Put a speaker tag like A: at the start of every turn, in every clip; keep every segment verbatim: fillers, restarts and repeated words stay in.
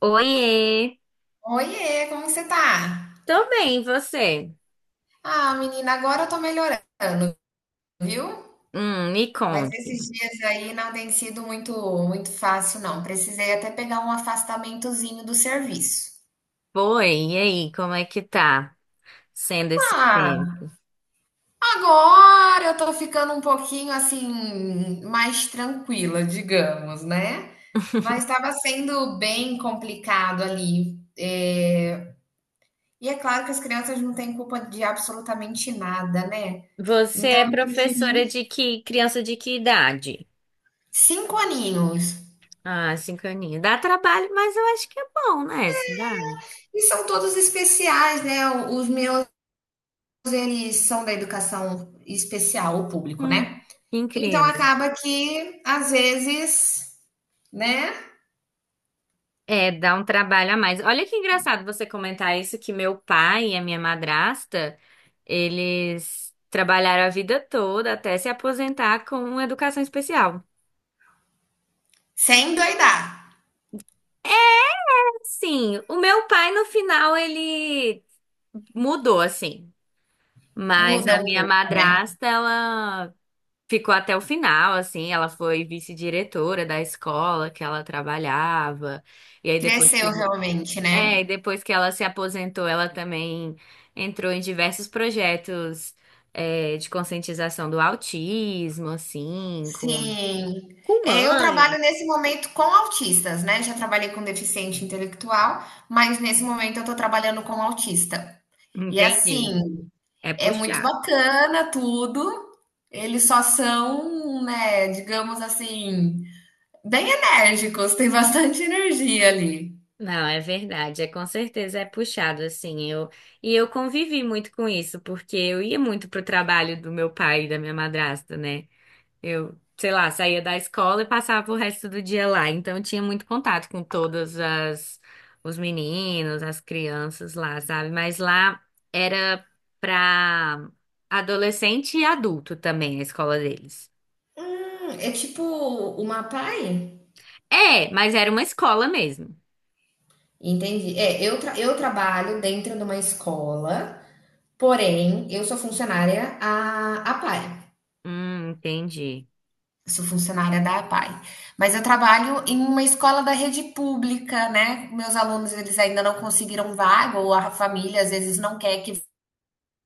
A: Oiê,
B: Oiê, como que você tá?
A: tô bem, e você?
B: Ah, menina, agora eu tô melhorando, viu?
A: Hum, me
B: Mas
A: conte.
B: esses dias aí não tem sido muito muito fácil, não. Precisei até pegar um afastamentozinho do serviço.
A: Foi, e aí, como é que tá sendo esse
B: Ah,
A: tempo?
B: agora eu tô ficando um pouquinho assim mais tranquila, digamos, né? Mas estava sendo bem complicado ali. É, E é claro que as crianças não têm culpa de absolutamente nada, né?
A: Você
B: Então
A: é
B: eu
A: professora
B: preferi
A: de que criança de que idade?
B: cinco aninhos.
A: Ah, cinco aninhos. Dá trabalho, mas eu acho que é bom, né, essa idade?
B: E são todos especiais, né? Os meus, eles são da educação especial, o público,
A: Hum,
B: né?
A: que
B: Então
A: incrível.
B: acaba que, às vezes, né?
A: É, dá um trabalho a mais. Olha que engraçado você comentar isso, que meu pai e a minha madrasta, eles trabalharam a vida toda até se aposentar com educação especial.
B: Sem doidar.
A: Sim, o meu pai no final ele mudou assim, mas
B: Muda
A: a
B: um
A: minha
B: pouco, né?
A: madrasta ela ficou até o final assim, ela foi vice-diretora da escola que ela trabalhava. E aí depois
B: Cresceu
A: que,
B: realmente,
A: é,
B: né?
A: e depois que ela se aposentou, ela também entrou em diversos projetos é, de conscientização do autismo assim, com
B: Sim.
A: com
B: É, eu trabalho
A: mãe.
B: nesse momento com autistas, né? Já trabalhei com deficiente intelectual, mas nesse momento eu tô trabalhando com autista. E
A: Entendi.
B: assim,
A: É
B: é muito
A: puxado.
B: bacana tudo. Eles só são, né, digamos assim, bem enérgicos, tem bastante energia ali.
A: Não, é verdade, é com certeza é puxado assim. Eu e eu convivi muito com isso, porque eu ia muito pro trabalho do meu pai e da minha madrasta, né? Eu, sei lá, saía da escola e passava o resto do dia lá, então eu tinha muito contato com todas as os meninos, as crianças lá, sabe? Mas lá era pra adolescente e adulto também a escola deles.
B: Hum, é tipo uma P A I?
A: É, mas era uma escola mesmo.
B: Entendi. É, eu, tra- eu trabalho dentro de uma escola, porém, eu sou funcionária a APAE.
A: Hum, entendi.
B: Sou funcionária da APAE, mas eu trabalho em uma escola da rede pública, né? Meus alunos, eles ainda não conseguiram vaga, ou a família às vezes não quer que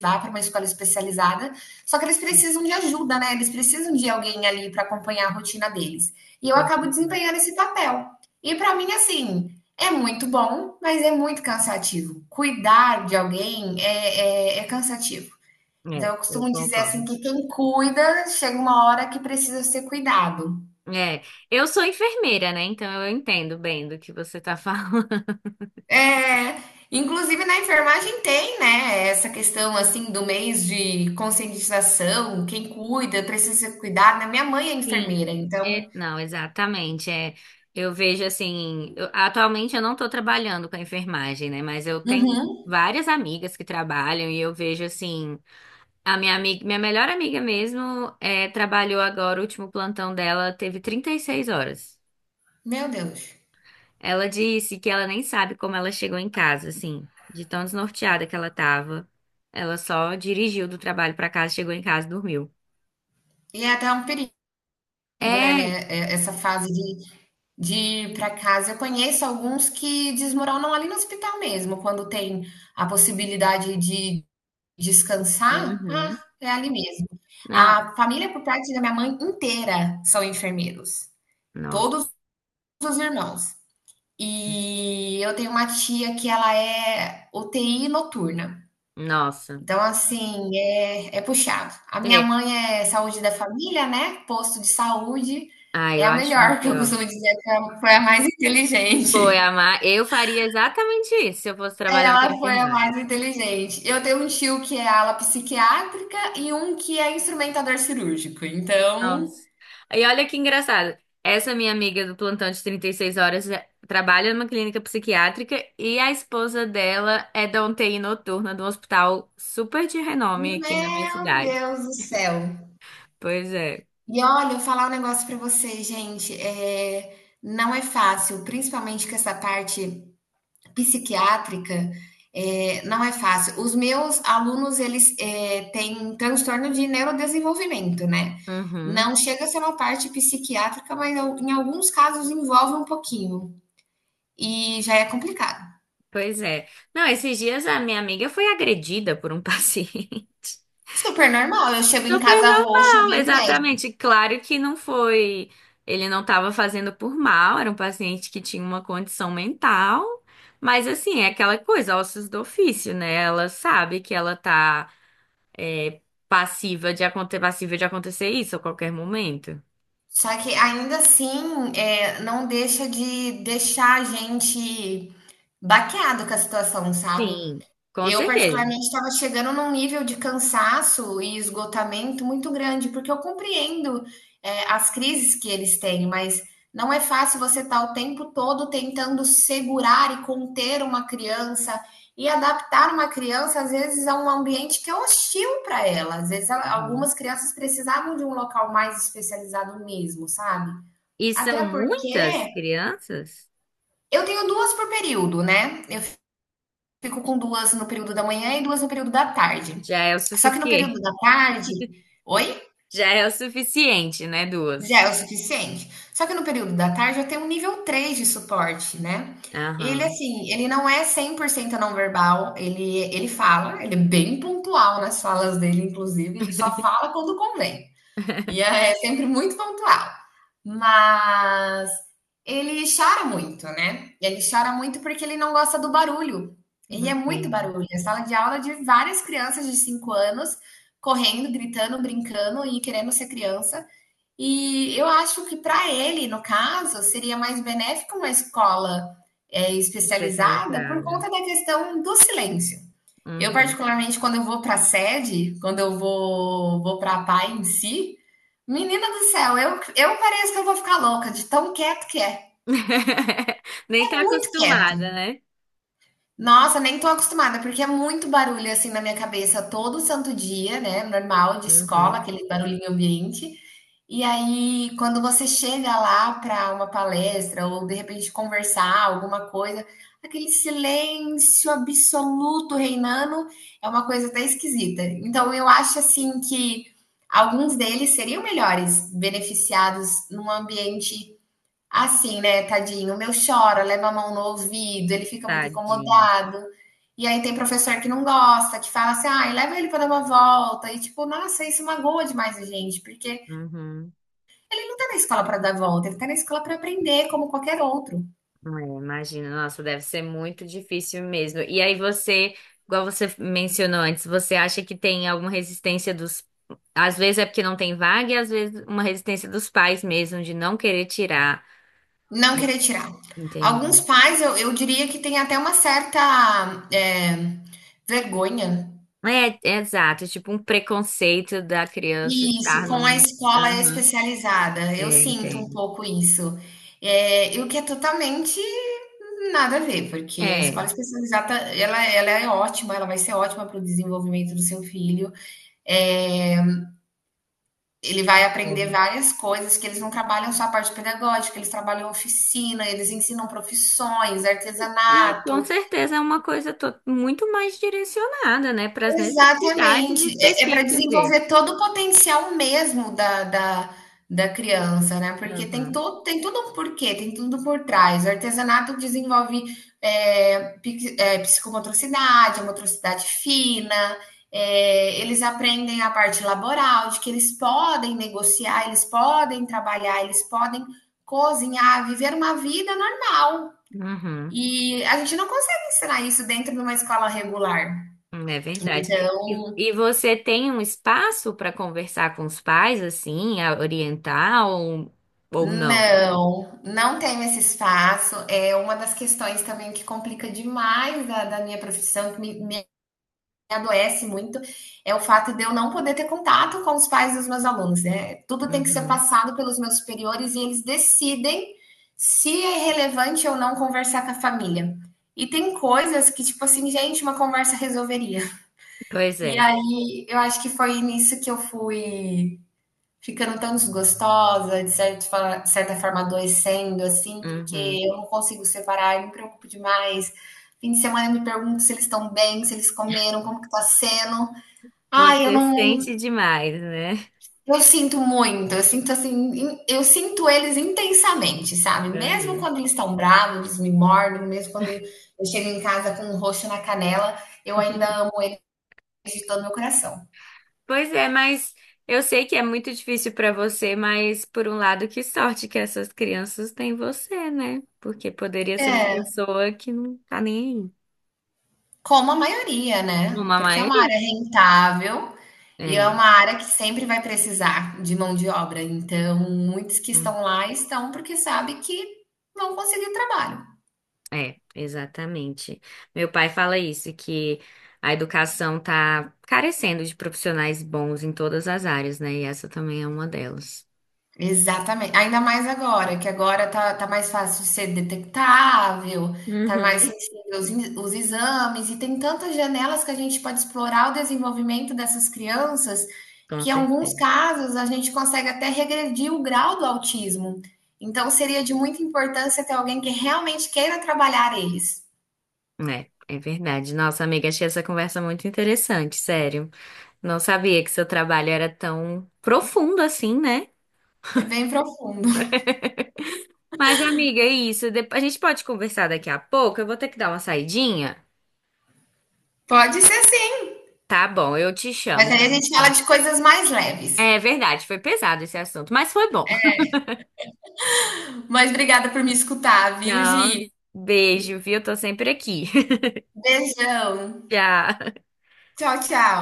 B: vá para uma escola especializada, só que eles precisam de ajuda, né? Eles precisam de alguém ali para acompanhar a rotina deles. E eu
A: Com-
B: acabo desempenhando esse papel. E para mim, assim, é muito bom, mas é muito cansativo. Cuidar de alguém é, é, é cansativo. Então,
A: É,
B: eu
A: eu
B: costumo dizer assim
A: concordo.
B: que quem cuida chega uma hora que precisa ser cuidado.
A: É, eu sou enfermeira, né? Então eu entendo bem do que você tá falando.
B: É, inclusive na enfermagem tem, né, essa questão assim do mês de conscientização, quem cuida, precisa se cuidar, né? Minha mãe é
A: Sim.
B: enfermeira, então,
A: É, não, exatamente. É, eu vejo assim, eu- atualmente eu não estou trabalhando com a enfermagem, né? Mas eu tenho
B: uhum,
A: várias amigas que trabalham e eu vejo assim, a minha amiga, minha melhor amiga mesmo, é, trabalhou agora, o último plantão dela teve trinta e seis horas.
B: meu Deus.
A: Ela disse que ela nem sabe como ela chegou em casa, assim, de tão desnorteada que ela tava. Ela só dirigiu do trabalho pra casa, chegou em casa e dormiu.
B: E é até um perigo, né, né,
A: É.
B: é- essa fase de, de ir para casa. Eu conheço alguns que desmoronam ali no hospital mesmo, quando tem a possibilidade de descansar, ah,
A: Uhum.
B: é ali mesmo.
A: Não,
B: A família por parte da minha mãe inteira são enfermeiros,
A: nossa.
B: todos os irmãos. E eu tenho uma tia que ela é U T I noturna.
A: Nossa.
B: Então, assim, é, é puxado. A minha
A: É.
B: mãe é saúde da família, né? Posto de saúde.
A: Ah,
B: É
A: eu
B: a
A: acho
B: melhor, que eu
A: melhor.
B: costumo dizer que ela foi a mais
A: Foi,
B: inteligente.
A: amar. Eu faria exatamente isso se eu fosse trabalhar com a
B: Ela foi a
A: enfermagem.
B: mais inteligente. Eu tenho um tio que é ala psiquiátrica e um que é instrumentador cirúrgico. Então,
A: Nossa. E olha que engraçado. Essa minha amiga do plantão de trinta e seis horas é- trabalha numa clínica psiquiátrica e a esposa dela é da U T I noturna de um hospital super de renome aqui na minha
B: meu
A: cidade.
B: Deus do céu.
A: Pois é.
B: E olha, eu falar um negócio pra você, gente, é não é fácil, principalmente com essa parte psiquiátrica, é não é fácil. Os meus alunos, eles, eh, têm um transtorno de neurodesenvolvimento, né.
A: Uhum.
B: Não chega a ser uma parte psiquiátrica, mas al em alguns casos envolve um pouquinho, e já é complicado.
A: Pois é. Não, esses dias a minha amiga foi agredida por um paciente.
B: Super normal, eu chego em
A: Super
B: casa roxa,
A: normal,
B: veio o
A: exatamente. Claro que não foi. Ele não estava fazendo por mal, era um paciente que tinha uma condição mental. Mas, assim, é aquela coisa, ossos do ofício, né? Ela sabe que ela tá é, passiva de acontecer, passiva de acontecer isso a qualquer momento.
B: só que ainda assim, é, não deixa de deixar a gente baqueado com a situação, sabe?
A: Sim, com
B: Eu,
A: certeza.
B: particularmente, estava chegando num nível de cansaço e esgotamento muito grande, porque eu compreendo, eh, as crises que eles têm, mas não é fácil você estar o tempo todo tentando segurar e conter uma criança e adaptar uma criança, às vezes, a um ambiente que é hostil para ela. Às vezes, ela-
A: Uhum.
B: algumas crianças precisavam de um local mais especializado mesmo, sabe?
A: E são
B: Até
A: muitas
B: porque
A: crianças?
B: eu tenho duas por período, né? Fico com duas no período da manhã e duas no período da tarde.
A: Já é o
B: Só que no
A: suficiente.
B: período da tarde oi?
A: Já é o suficiente, né? Duas.
B: Já é o suficiente? Só que no período da tarde eu tenho um nível três de suporte, né. Ele,
A: Aham,
B: assim, ele não é cem por cento não verbal, ele ele fala, ele é bem pontual nas falas dele inclusive, ele só fala quando convém. E é sempre muito pontual. Mas ele chora muito, né? Ele chora muito porque ele não gosta do barulho. E é muito
A: entendi.
B: barulho. É sala de aula de várias crianças de cinco anos correndo, gritando, brincando e querendo ser criança. E eu acho que para ele, no caso, seria mais benéfico uma escola é, especializada por
A: Especializada.
B: conta da questão do silêncio. Eu,
A: Uhum.
B: particularmente, quando eu vou para a sede, quando eu vou, vou para a P A I em si, menina do céu, eu, eu pareço que eu vou ficar louca de tão quieto que é.
A: Nem tá
B: É muito quieto.
A: acostumada, né?
B: Nossa, nem tô acostumada, porque é muito barulho assim na minha cabeça todo santo dia, né? Normal, de escola,
A: Uhum.
B: aquele barulhinho ambiente. E aí, quando você chega lá para uma palestra ou de repente conversar alguma coisa, aquele silêncio absoluto reinando é uma coisa até esquisita. Então, eu acho assim que alguns deles seriam melhores beneficiados num ambiente assim, né? Tadinho, o meu chora, leva a mão no ouvido, ele fica muito
A: Tadinho.
B: incomodado. E aí tem professor que não gosta, que fala assim, ah, leva ele para dar uma volta. E tipo, nossa, isso magoa demais a gente, porque
A: Uhum.
B: está na escola para dar volta, ele está na escola para aprender, como qualquer outro.
A: É, imagina, nossa, deve ser muito difícil mesmo. E aí você, igual você mencionou antes, você acha que tem alguma resistência dos. Às vezes é porque não tem vaga, e às vezes uma resistência dos pais mesmo, de não querer tirar.
B: Não querer tirar. Alguns
A: Entendi.
B: pais, eu, eu diria que tem até uma certa é, vergonha.
A: É, é exato, tipo um preconceito da criança
B: Isso,
A: estar
B: com a
A: num.
B: escola
A: Aham,
B: especializada. Eu
A: é,
B: sinto um
A: entendo.
B: pouco isso. É, e o que é totalmente nada a ver, porque a escola
A: É,
B: especializada, ela, ela é ótima, ela vai ser ótima para o desenvolvimento do seu filho. É, ele vai aprender
A: concordo.
B: várias coisas que eles não trabalham só a parte pedagógica, eles trabalham oficina, eles ensinam profissões,
A: É, com
B: artesanato,
A: certeza é uma coisa to- muito mais direcionada, né, para as necessidades
B: exatamente. É, é para
A: específicas dele.
B: desenvolver todo o potencial mesmo da, da, da criança, né? Porque tem
A: Uhum,
B: todo, tem tudo um porquê, tem tudo por trás. O artesanato desenvolve é, pic- é, psicomotricidade, a motricidade fina, é, eles aprendem a parte laboral, de que eles podem negociar, eles podem trabalhar, eles podem cozinhar, viver uma vida normal.
A: uhum,
B: E a gente não consegue ensinar isso dentro de uma escola regular.
A: é verdade. E,
B: Então
A: e você tem um espaço para conversar com os pais, assim, a orientar ou, ou não?
B: não, não tenho esse espaço. É uma das questões também que complica demais da, da minha profissão, que me, me adoece muito, é o fato de eu não poder ter contato com os pais dos meus alunos, né? Tudo tem que ser
A: Uhum,
B: passado pelos meus superiores e eles decidem se é relevante ou não conversar com a família. E tem coisas que, tipo assim, gente, uma conversa resolveria.
A: pois
B: E
A: é.
B: aí eu acho que foi nisso que eu fui ficando tão desgostosa, de certa fa certa forma adoecendo, assim, porque
A: Uhum.
B: eu não consigo separar, eu me preocupo demais. Fim de semana eu me pergunto se eles estão bem, se eles comeram, como que tá sendo. Ai, eu
A: Você
B: não
A: sente demais, né?
B: eu sinto muito, eu sinto assim, in eu sinto eles intensamente, sabe. Mesmo quando eles estão bravos, eles me mordem, mesmo quando eu chego em casa com um roxo na canela, eu ainda amo eles de todo meu coração.
A: Pois é, mas eu sei que é muito difícil pra você, mas por um lado, que sorte que essas crianças têm você, né? Porque poderia ser uma
B: É.
A: pessoa que não tá nem aí.
B: Como a maioria, né,
A: Uma
B: porque é uma
A: maioria.
B: área rentável e é
A: É,
B: uma área que sempre vai precisar de mão de obra, então muitos que
A: hum,
B: estão lá estão porque sabem que vão conseguir trabalho.
A: é, exatamente. Meu pai fala isso, que a educação tá carecendo de profissionais bons em todas as áreas, né? E essa também é uma delas.
B: Exatamente. Ainda mais agora, que agora tá, tá mais fácil ser detectável, tá mais
A: Uhum.
B: sensível os, in- os exames, e tem tantas janelas que a gente pode explorar o desenvolvimento dessas crianças,
A: Com
B: que em alguns
A: certeza.
B: casos a gente consegue até regredir o grau do autismo. Então seria de muita importância ter alguém que realmente queira trabalhar eles.
A: É, é verdade. Nossa, amiga, achei essa conversa muito interessante, sério. Não sabia que seu trabalho era tão profundo assim, né?
B: É bem profundo.
A: Mas, amiga, é isso. Dep- A gente pode conversar daqui a pouco. Eu vou ter que dar uma saidinha.
B: Pode ser sim,
A: Tá bom, eu te
B: mas
A: chamo.
B: aí
A: Pra
B: a gente
A: gente
B: fala
A: conversar.
B: de coisas mais leves.
A: É verdade, foi pesado esse assunto, mas foi bom.
B: Mas obrigada por me escutar, viu,
A: Não,
B: Gi?
A: beijo, viu? Tô sempre aqui.
B: Beijão.
A: Tchau.
B: Tchau, tchau.